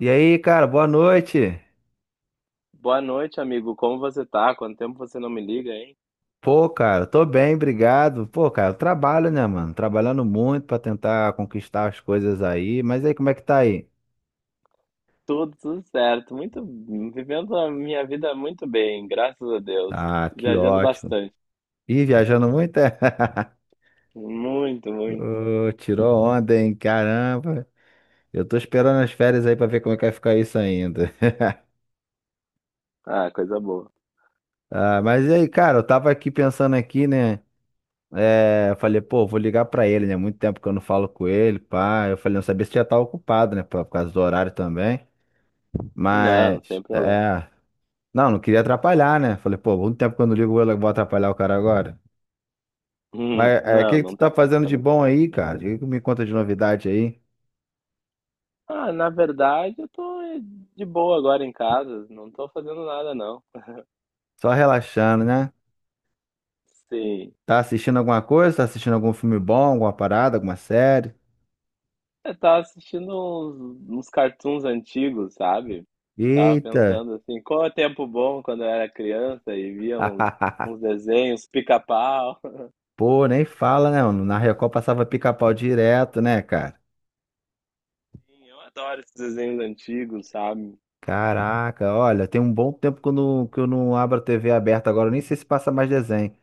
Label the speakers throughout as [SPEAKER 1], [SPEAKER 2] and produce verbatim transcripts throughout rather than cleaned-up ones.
[SPEAKER 1] E aí, cara, boa noite.
[SPEAKER 2] Boa noite, amigo. Como você tá? Quanto tempo você não me liga, hein?
[SPEAKER 1] Pô, cara, tô bem, obrigado. Pô, cara, eu trabalho, né, mano? Trabalhando muito pra tentar conquistar as coisas aí. Mas aí, como é que tá aí?
[SPEAKER 2] Tudo, tudo certo. Muito, vivendo a minha vida muito bem, graças a Deus.
[SPEAKER 1] Ah, que
[SPEAKER 2] Viajando
[SPEAKER 1] ótimo.
[SPEAKER 2] bastante.
[SPEAKER 1] Ih, viajando muito, é?
[SPEAKER 2] Muito, muito.
[SPEAKER 1] Ô, tirou onda, hein? Caramba. Eu tô esperando as férias aí pra ver como é que vai ficar isso ainda.
[SPEAKER 2] Ah, coisa boa.
[SPEAKER 1] Ah, mas e aí, cara, eu tava aqui pensando aqui, né? É, eu falei, pô, vou ligar pra ele, né? Muito tempo que eu não falo com ele, pá. Eu falei, não sabia se já tava ocupado, né? Por por causa do horário também.
[SPEAKER 2] Não,
[SPEAKER 1] Mas,
[SPEAKER 2] sem problema.
[SPEAKER 1] é. Não, não queria atrapalhar, né? Falei, pô, muito tempo que eu não ligo, eu vou atrapalhar o cara agora.
[SPEAKER 2] Hum.
[SPEAKER 1] Mas é, o
[SPEAKER 2] Não,
[SPEAKER 1] que que tu
[SPEAKER 2] não tá
[SPEAKER 1] tá fazendo de
[SPEAKER 2] preocupado, não.
[SPEAKER 1] bom aí, cara? O que que me conta de novidade aí?
[SPEAKER 2] Ah, na verdade, eu tô eh, de boa agora em casa. Não tô fazendo nada, não.
[SPEAKER 1] Só relaxando, né?
[SPEAKER 2] Sim.
[SPEAKER 1] Tá assistindo alguma coisa? Tá assistindo algum filme bom, alguma parada, alguma série?
[SPEAKER 2] É, eu tava assistindo uns, uns cartoons antigos, sabe? Tava
[SPEAKER 1] Eita!
[SPEAKER 2] pensando assim, qual é o tempo bom quando eu era criança e via uns, uns desenhos, pica-pau.
[SPEAKER 1] Pô, nem fala, né? Mano? Na Record passava pica-pau direto, né, cara?
[SPEAKER 2] Sim, eu adoro esses desenhos antigos, sabe?
[SPEAKER 1] Caraca, olha, tem um bom tempo que eu não, que eu não abro a T V aberta agora, eu nem sei se passa mais desenho.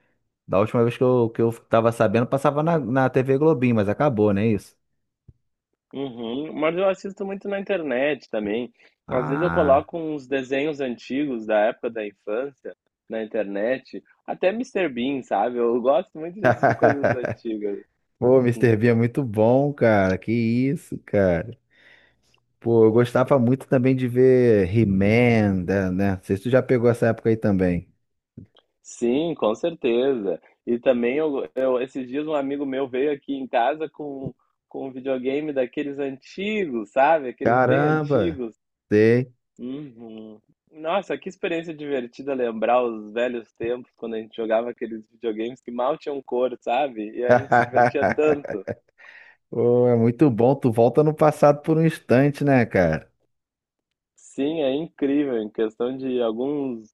[SPEAKER 1] Da última vez que eu, que eu tava sabendo, passava na, na T V Globinho, mas acabou, não é isso?
[SPEAKER 2] Uhum. Mas eu assisto muito na internet também. Às vezes eu
[SPEAKER 1] Ah.
[SPEAKER 2] coloco uns desenhos antigos da época da infância na internet. Até Mister Bean, sabe? Eu gosto muito de assistir coisas antigas.
[SPEAKER 1] Pô, Mister Bean é muito bom, cara. Que isso, cara. Pô, eu gostava muito também de ver He-Man, né? né? Não sei se tu já pegou essa época aí também.
[SPEAKER 2] Sim, com certeza. E também eu, eu esses dias um amigo meu veio aqui em casa com, com um videogame daqueles antigos, sabe? Aqueles bem
[SPEAKER 1] Caramba!
[SPEAKER 2] antigos.
[SPEAKER 1] Sei.
[SPEAKER 2] Uhum. Nossa, que experiência divertida lembrar os velhos tempos quando a gente jogava aqueles videogames que mal tinham cor, sabe? E a gente se divertia tanto.
[SPEAKER 1] Pô, é muito bom. Tu volta no passado por um instante, né, cara?
[SPEAKER 2] Sim, é incrível. Em questão de alguns,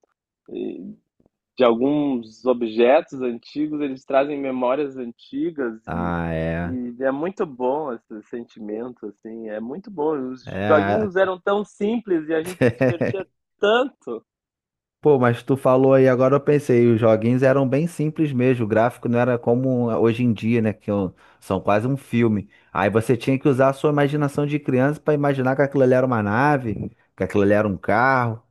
[SPEAKER 2] de alguns objetos antigos, eles trazem memórias antigas e,
[SPEAKER 1] Ah, é.
[SPEAKER 2] e é muito bom esse sentimento, assim, é muito bom. Os
[SPEAKER 1] É.
[SPEAKER 2] joguinhos eram tão simples e a gente se divertia tanto.
[SPEAKER 1] Pô, mas tu falou aí, agora eu pensei, os joguinhos eram bem simples mesmo, o gráfico não era como hoje em dia, né, que é um- são quase um filme. Aí você tinha que usar a sua imaginação de criança pra imaginar que aquilo ali era uma nave, que aquilo ali era um carro.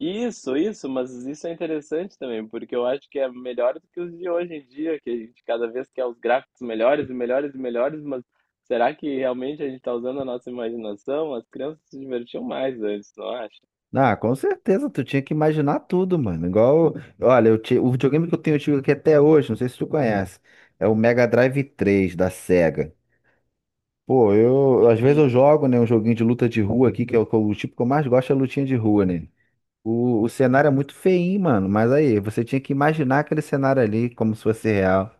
[SPEAKER 2] Isso, isso, mas isso é interessante também, porque eu acho que é melhor do que os de hoje em dia, que a gente cada vez quer os gráficos melhores e melhores e melhores, mas será que realmente a gente está usando a nossa imaginação? As crianças se divertiam mais antes, não acha?
[SPEAKER 1] Ah, com certeza, tu tinha que imaginar tudo, mano. Igual, olha, eu ti- o videogame que eu tenho eu aqui até hoje, não sei se tu conhece, é o Mega Drive três da Sega. Pô, eu, às vezes eu
[SPEAKER 2] Hum.
[SPEAKER 1] jogo, né, um joguinho de luta de rua aqui, que é o, que eu- o tipo que eu mais gosto é lutinha de rua, né? O, o cenário é muito feinho, mano. Mas aí, você tinha que imaginar aquele cenário ali como se fosse real.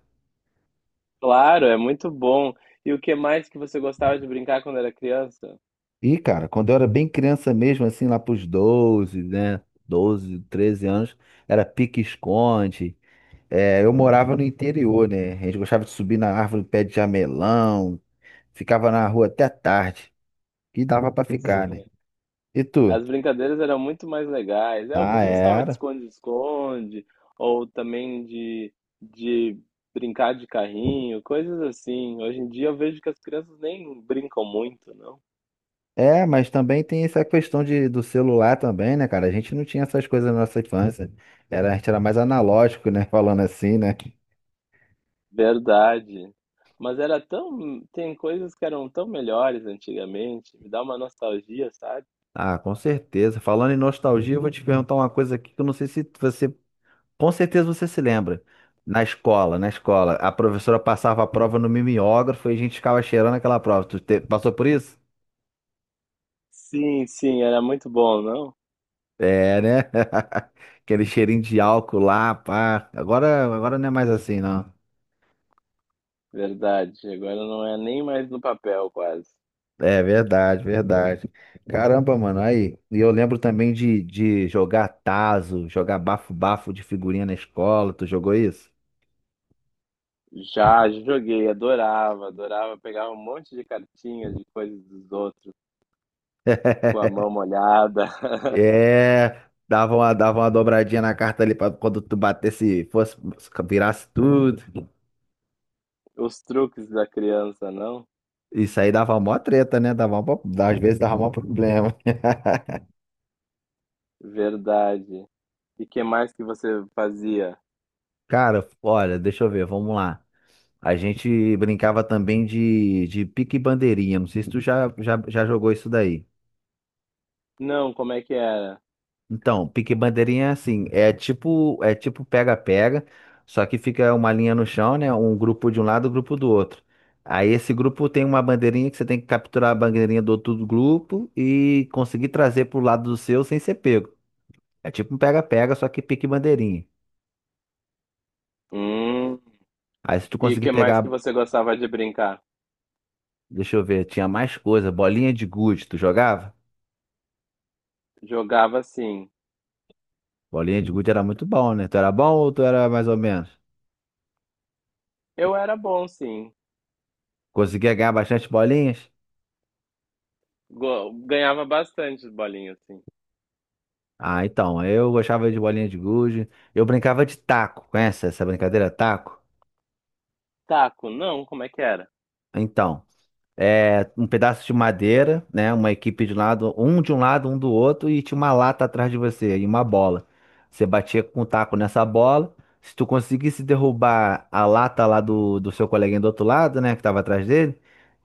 [SPEAKER 2] Claro, é muito bom. E o que mais que você gostava de brincar quando era criança?
[SPEAKER 1] E, cara, quando eu era bem criança mesmo, assim, lá pros doze né? Doze treze anos, era pique-esconde. É, eu morava no interior, né? A gente gostava de subir na árvore do pé de jamelão. Ficava na rua até tarde. E dava pra
[SPEAKER 2] Sim,
[SPEAKER 1] ficar, né? E tu?
[SPEAKER 2] as brincadeiras eram muito mais legais. É, eu
[SPEAKER 1] Ah,
[SPEAKER 2] gostava de
[SPEAKER 1] era.
[SPEAKER 2] esconde-esconde, ou também de, de brincar de carrinho, coisas assim. Hoje em dia eu vejo que as crianças nem brincam muito, não?
[SPEAKER 1] É, mas também tem essa questão de, do celular também, né, cara? A gente não tinha essas coisas na nossa infância. Era, a gente era mais analógico, né? Falando assim, né?
[SPEAKER 2] Verdade. Mas era tão. Tem coisas que eram tão melhores antigamente. Me dá uma nostalgia, sabe?
[SPEAKER 1] Ah, com certeza. Falando em nostalgia, eu vou te perguntar uma coisa aqui que eu não sei se você, com certeza você se lembra. Na escola, na escola, a professora passava a prova no mimeógrafo e a gente ficava cheirando aquela prova. Tu te- passou por isso?
[SPEAKER 2] Sim, sim, era muito bom, não?
[SPEAKER 1] É, né? Aquele cheirinho de álcool lá, pá. Agora, agora não é mais assim, não.
[SPEAKER 2] Verdade. Agora não é nem mais no papel, quase.
[SPEAKER 1] É verdade, verdade. Caramba, mano, aí. E eu lembro também de, de jogar tazo, jogar bafo-bafo de figurinha na escola. Tu jogou isso?
[SPEAKER 2] Já joguei, adorava, adorava. Pegava um monte de cartinhas de coisas dos outros, com a mão molhada.
[SPEAKER 1] É, dava uma, dava uma dobradinha na carta ali pra quando tu batesse, fosse, virasse tudo.
[SPEAKER 2] Os truques da criança, não?
[SPEAKER 1] Isso aí dava mó treta, né? Dava mó, às vezes dava mó problema.
[SPEAKER 2] Verdade. E que mais que você fazia?
[SPEAKER 1] Cara, olha, deixa eu ver, vamos lá. A gente brincava também de, de pique e bandeirinha. Não sei se tu já, já, já jogou isso daí.
[SPEAKER 2] Não, como é que era?
[SPEAKER 1] Então, pique bandeirinha é assim, é tipo, é tipo pega-pega, só que fica uma linha no chão, né? Um grupo de um lado, um grupo do outro. Aí esse grupo tem uma bandeirinha que você tem que capturar a bandeirinha do outro grupo e conseguir trazer pro lado do seu sem ser pego. É tipo um pega-pega, só que pique bandeirinha.
[SPEAKER 2] Hum.
[SPEAKER 1] Aí se tu
[SPEAKER 2] E
[SPEAKER 1] conseguir
[SPEAKER 2] que mais que
[SPEAKER 1] pegar,
[SPEAKER 2] você gostava de brincar?
[SPEAKER 1] deixa eu ver, tinha mais coisa, bolinha de gude, tu jogava?
[SPEAKER 2] Jogava sim.
[SPEAKER 1] Bolinha de gude era muito bom, né? Tu era bom ou tu era mais ou menos?
[SPEAKER 2] Eu era bom, sim.
[SPEAKER 1] Conseguia ganhar bastante bolinhas?
[SPEAKER 2] Go- Ganhava bastante bolinhas, sim.
[SPEAKER 1] Ah, então, eu gostava de bolinha de gude. Eu brincava de taco, conhece essa brincadeira taco?
[SPEAKER 2] Taco, não, como é que era?
[SPEAKER 1] Então, é um pedaço de madeira, né? Uma equipe de um lado, um de um lado, um do outro, e tinha uma lata atrás de você e uma bola. Você batia com o taco nessa bola. Se tu conseguisse derrubar a lata lá do, do seu coleguinha do outro lado, né, que tava atrás dele,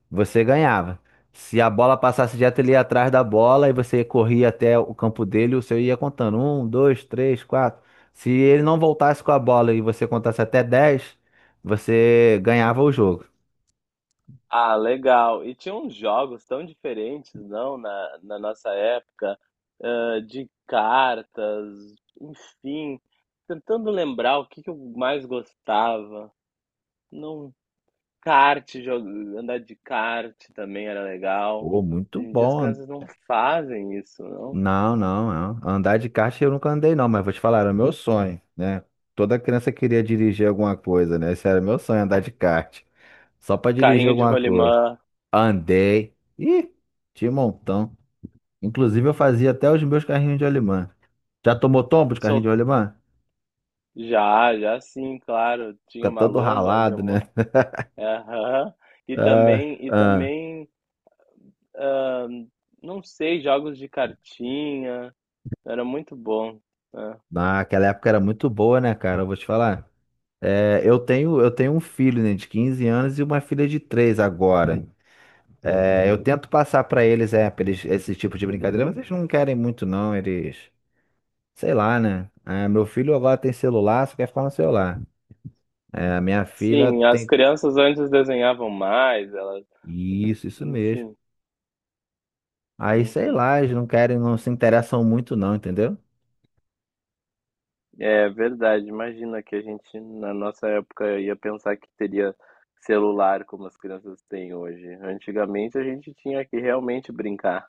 [SPEAKER 1] você ganhava. Se a bola passasse direto, ele ia atrás da bola e você corria até o campo dele, o seu ia contando. Um, dois, três, quatro. Se ele não voltasse com a bola e você contasse até dez, você ganhava o jogo.
[SPEAKER 2] Ah, legal. E tinha uns jogos tão diferentes, não, na, na nossa época, ah, de cartas, enfim. Tentando lembrar o que que eu mais gostava. Não, kart, jo- andar de kart também era legal.
[SPEAKER 1] Pô, muito
[SPEAKER 2] Hoje em dia as
[SPEAKER 1] bom.
[SPEAKER 2] crianças não fazem isso, não.
[SPEAKER 1] Não, não, não. Andar de kart eu nunca andei, não, mas vou te falar, era meu sonho, né? Toda criança queria dirigir alguma coisa, né? Esse era meu sonho, andar de kart. Só pra dirigir
[SPEAKER 2] Carrinho de
[SPEAKER 1] alguma coisa.
[SPEAKER 2] rolimã,
[SPEAKER 1] Andei. Ih, de montão. Inclusive, eu fazia até os meus carrinhos de rolimã. Já tomou tombo de carrinho de
[SPEAKER 2] sol...
[SPEAKER 1] rolimã?
[SPEAKER 2] já, já sim, claro.
[SPEAKER 1] Fica
[SPEAKER 2] Tinha uma
[SPEAKER 1] todo
[SPEAKER 2] lomba onde eu...
[SPEAKER 1] ralado, né?
[SPEAKER 2] mo- Aham. E
[SPEAKER 1] Ah,
[SPEAKER 2] também, e
[SPEAKER 1] ah.
[SPEAKER 2] também ah, não sei, jogos de cartinha, era muito bom, né?
[SPEAKER 1] Naquela época era muito boa, né, cara? Eu vou te falar. É, eu tenho, eu tenho um filho, né, de quinze anos e uma filha de três agora. É, eu tento passar pra eles, é, pra eles esse tipo de brincadeira, mas eles não querem muito, não. Eles, sei lá, né? Ah, meu filho agora tem celular, só quer ficar no celular. É, a minha filha
[SPEAKER 2] Sim, as
[SPEAKER 1] tem.
[SPEAKER 2] crianças antes desenhavam mais, elas,
[SPEAKER 1] Isso, isso mesmo.
[SPEAKER 2] enfim,
[SPEAKER 1] Aí, sei
[SPEAKER 2] uhum.
[SPEAKER 1] lá, eles não querem, não se interessam muito não, entendeu?
[SPEAKER 2] É verdade, imagina que a gente, na nossa época, ia pensar que teria celular como as crianças têm hoje. Antigamente a gente tinha que realmente brincar.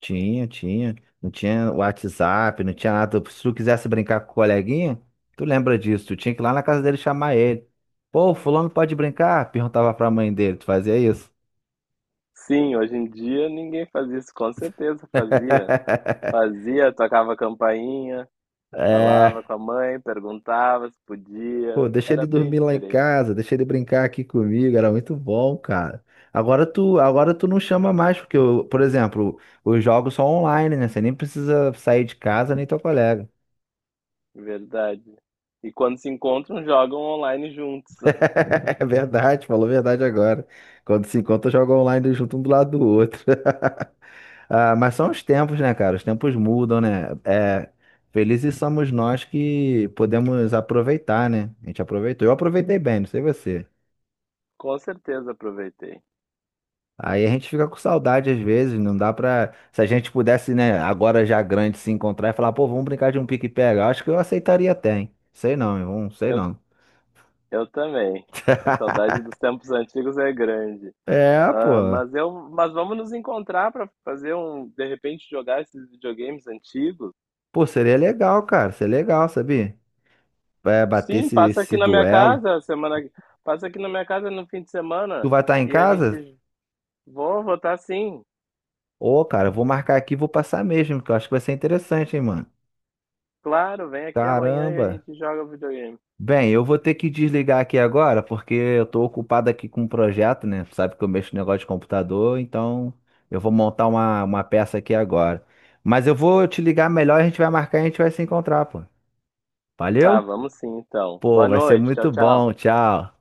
[SPEAKER 1] Tinha, tinha. Não tinha WhatsApp, não tinha nada. Se tu quisesse brincar com o coleguinha, tu lembra disso, tu tinha que ir lá na casa dele chamar ele. Pô, fulano pode brincar? Perguntava pra mãe dele, tu fazia isso?
[SPEAKER 2] Sim, hoje em dia ninguém faz isso, com certeza fazia. Fazia, tocava campainha. Falava
[SPEAKER 1] É,
[SPEAKER 2] com a mãe, perguntava se
[SPEAKER 1] pô,
[SPEAKER 2] podia.
[SPEAKER 1] deixa ele
[SPEAKER 2] Era bem
[SPEAKER 1] dormir lá em
[SPEAKER 2] diferente,
[SPEAKER 1] casa, deixa ele brincar aqui comigo, era muito bom, cara. Agora tu, agora tu não chama mais, porque, eu, por exemplo, os jogos são online, né? Você nem precisa sair de casa, nem teu colega.
[SPEAKER 2] verdade. E quando se encontram, jogam online juntos.
[SPEAKER 1] É verdade, falou a verdade agora. Quando se encontra, joga online junto um do lado do outro. Ah, mas são os tempos, né, cara? Os tempos mudam, né? É, felizes somos nós que podemos aproveitar, né? A gente aproveitou. Eu aproveitei bem, não sei você.
[SPEAKER 2] Com certeza aproveitei.
[SPEAKER 1] Aí a gente fica com saudade às vezes, não dá pra. Se a gente pudesse, né, agora já grande, se encontrar e falar, pô, vamos brincar de um pique-pega. Acho que eu aceitaria até, hein? Sei não, irmão, sei
[SPEAKER 2] Eu,
[SPEAKER 1] não.
[SPEAKER 2] eu também. A saudade dos tempos antigos é grande.
[SPEAKER 1] É, pô.
[SPEAKER 2] Ah, mas eu, mas vamos nos encontrar para fazer um, de repente jogar esses videogames antigos.
[SPEAKER 1] Pô, seria legal, cara. Seria legal, sabia? Vai bater
[SPEAKER 2] Sim,
[SPEAKER 1] esse,
[SPEAKER 2] passa aqui
[SPEAKER 1] esse
[SPEAKER 2] na minha
[SPEAKER 1] duelo.
[SPEAKER 2] casa semana, passa aqui na minha casa no fim de
[SPEAKER 1] Tu
[SPEAKER 2] semana
[SPEAKER 1] vai estar em
[SPEAKER 2] e a
[SPEAKER 1] casa?
[SPEAKER 2] gente vou votar sim.
[SPEAKER 1] Ô, cara, eu vou marcar aqui e vou passar mesmo, que eu acho que vai ser interessante, hein, mano.
[SPEAKER 2] Claro, vem aqui amanhã e a
[SPEAKER 1] Caramba.
[SPEAKER 2] gente joga videogame.
[SPEAKER 1] Bem, eu vou ter que desligar aqui agora, porque eu tô ocupado aqui com um projeto, né? Sabe que eu mexo no negócio de computador, então eu vou montar uma, uma peça aqui agora. Mas eu vou te ligar melhor, a gente vai marcar e a gente vai se encontrar, pô.
[SPEAKER 2] Tá,
[SPEAKER 1] Valeu?
[SPEAKER 2] vamos sim então.
[SPEAKER 1] Pô,
[SPEAKER 2] Boa
[SPEAKER 1] vai ser
[SPEAKER 2] noite, tchau,
[SPEAKER 1] muito
[SPEAKER 2] tchau.
[SPEAKER 1] bom. Tchau.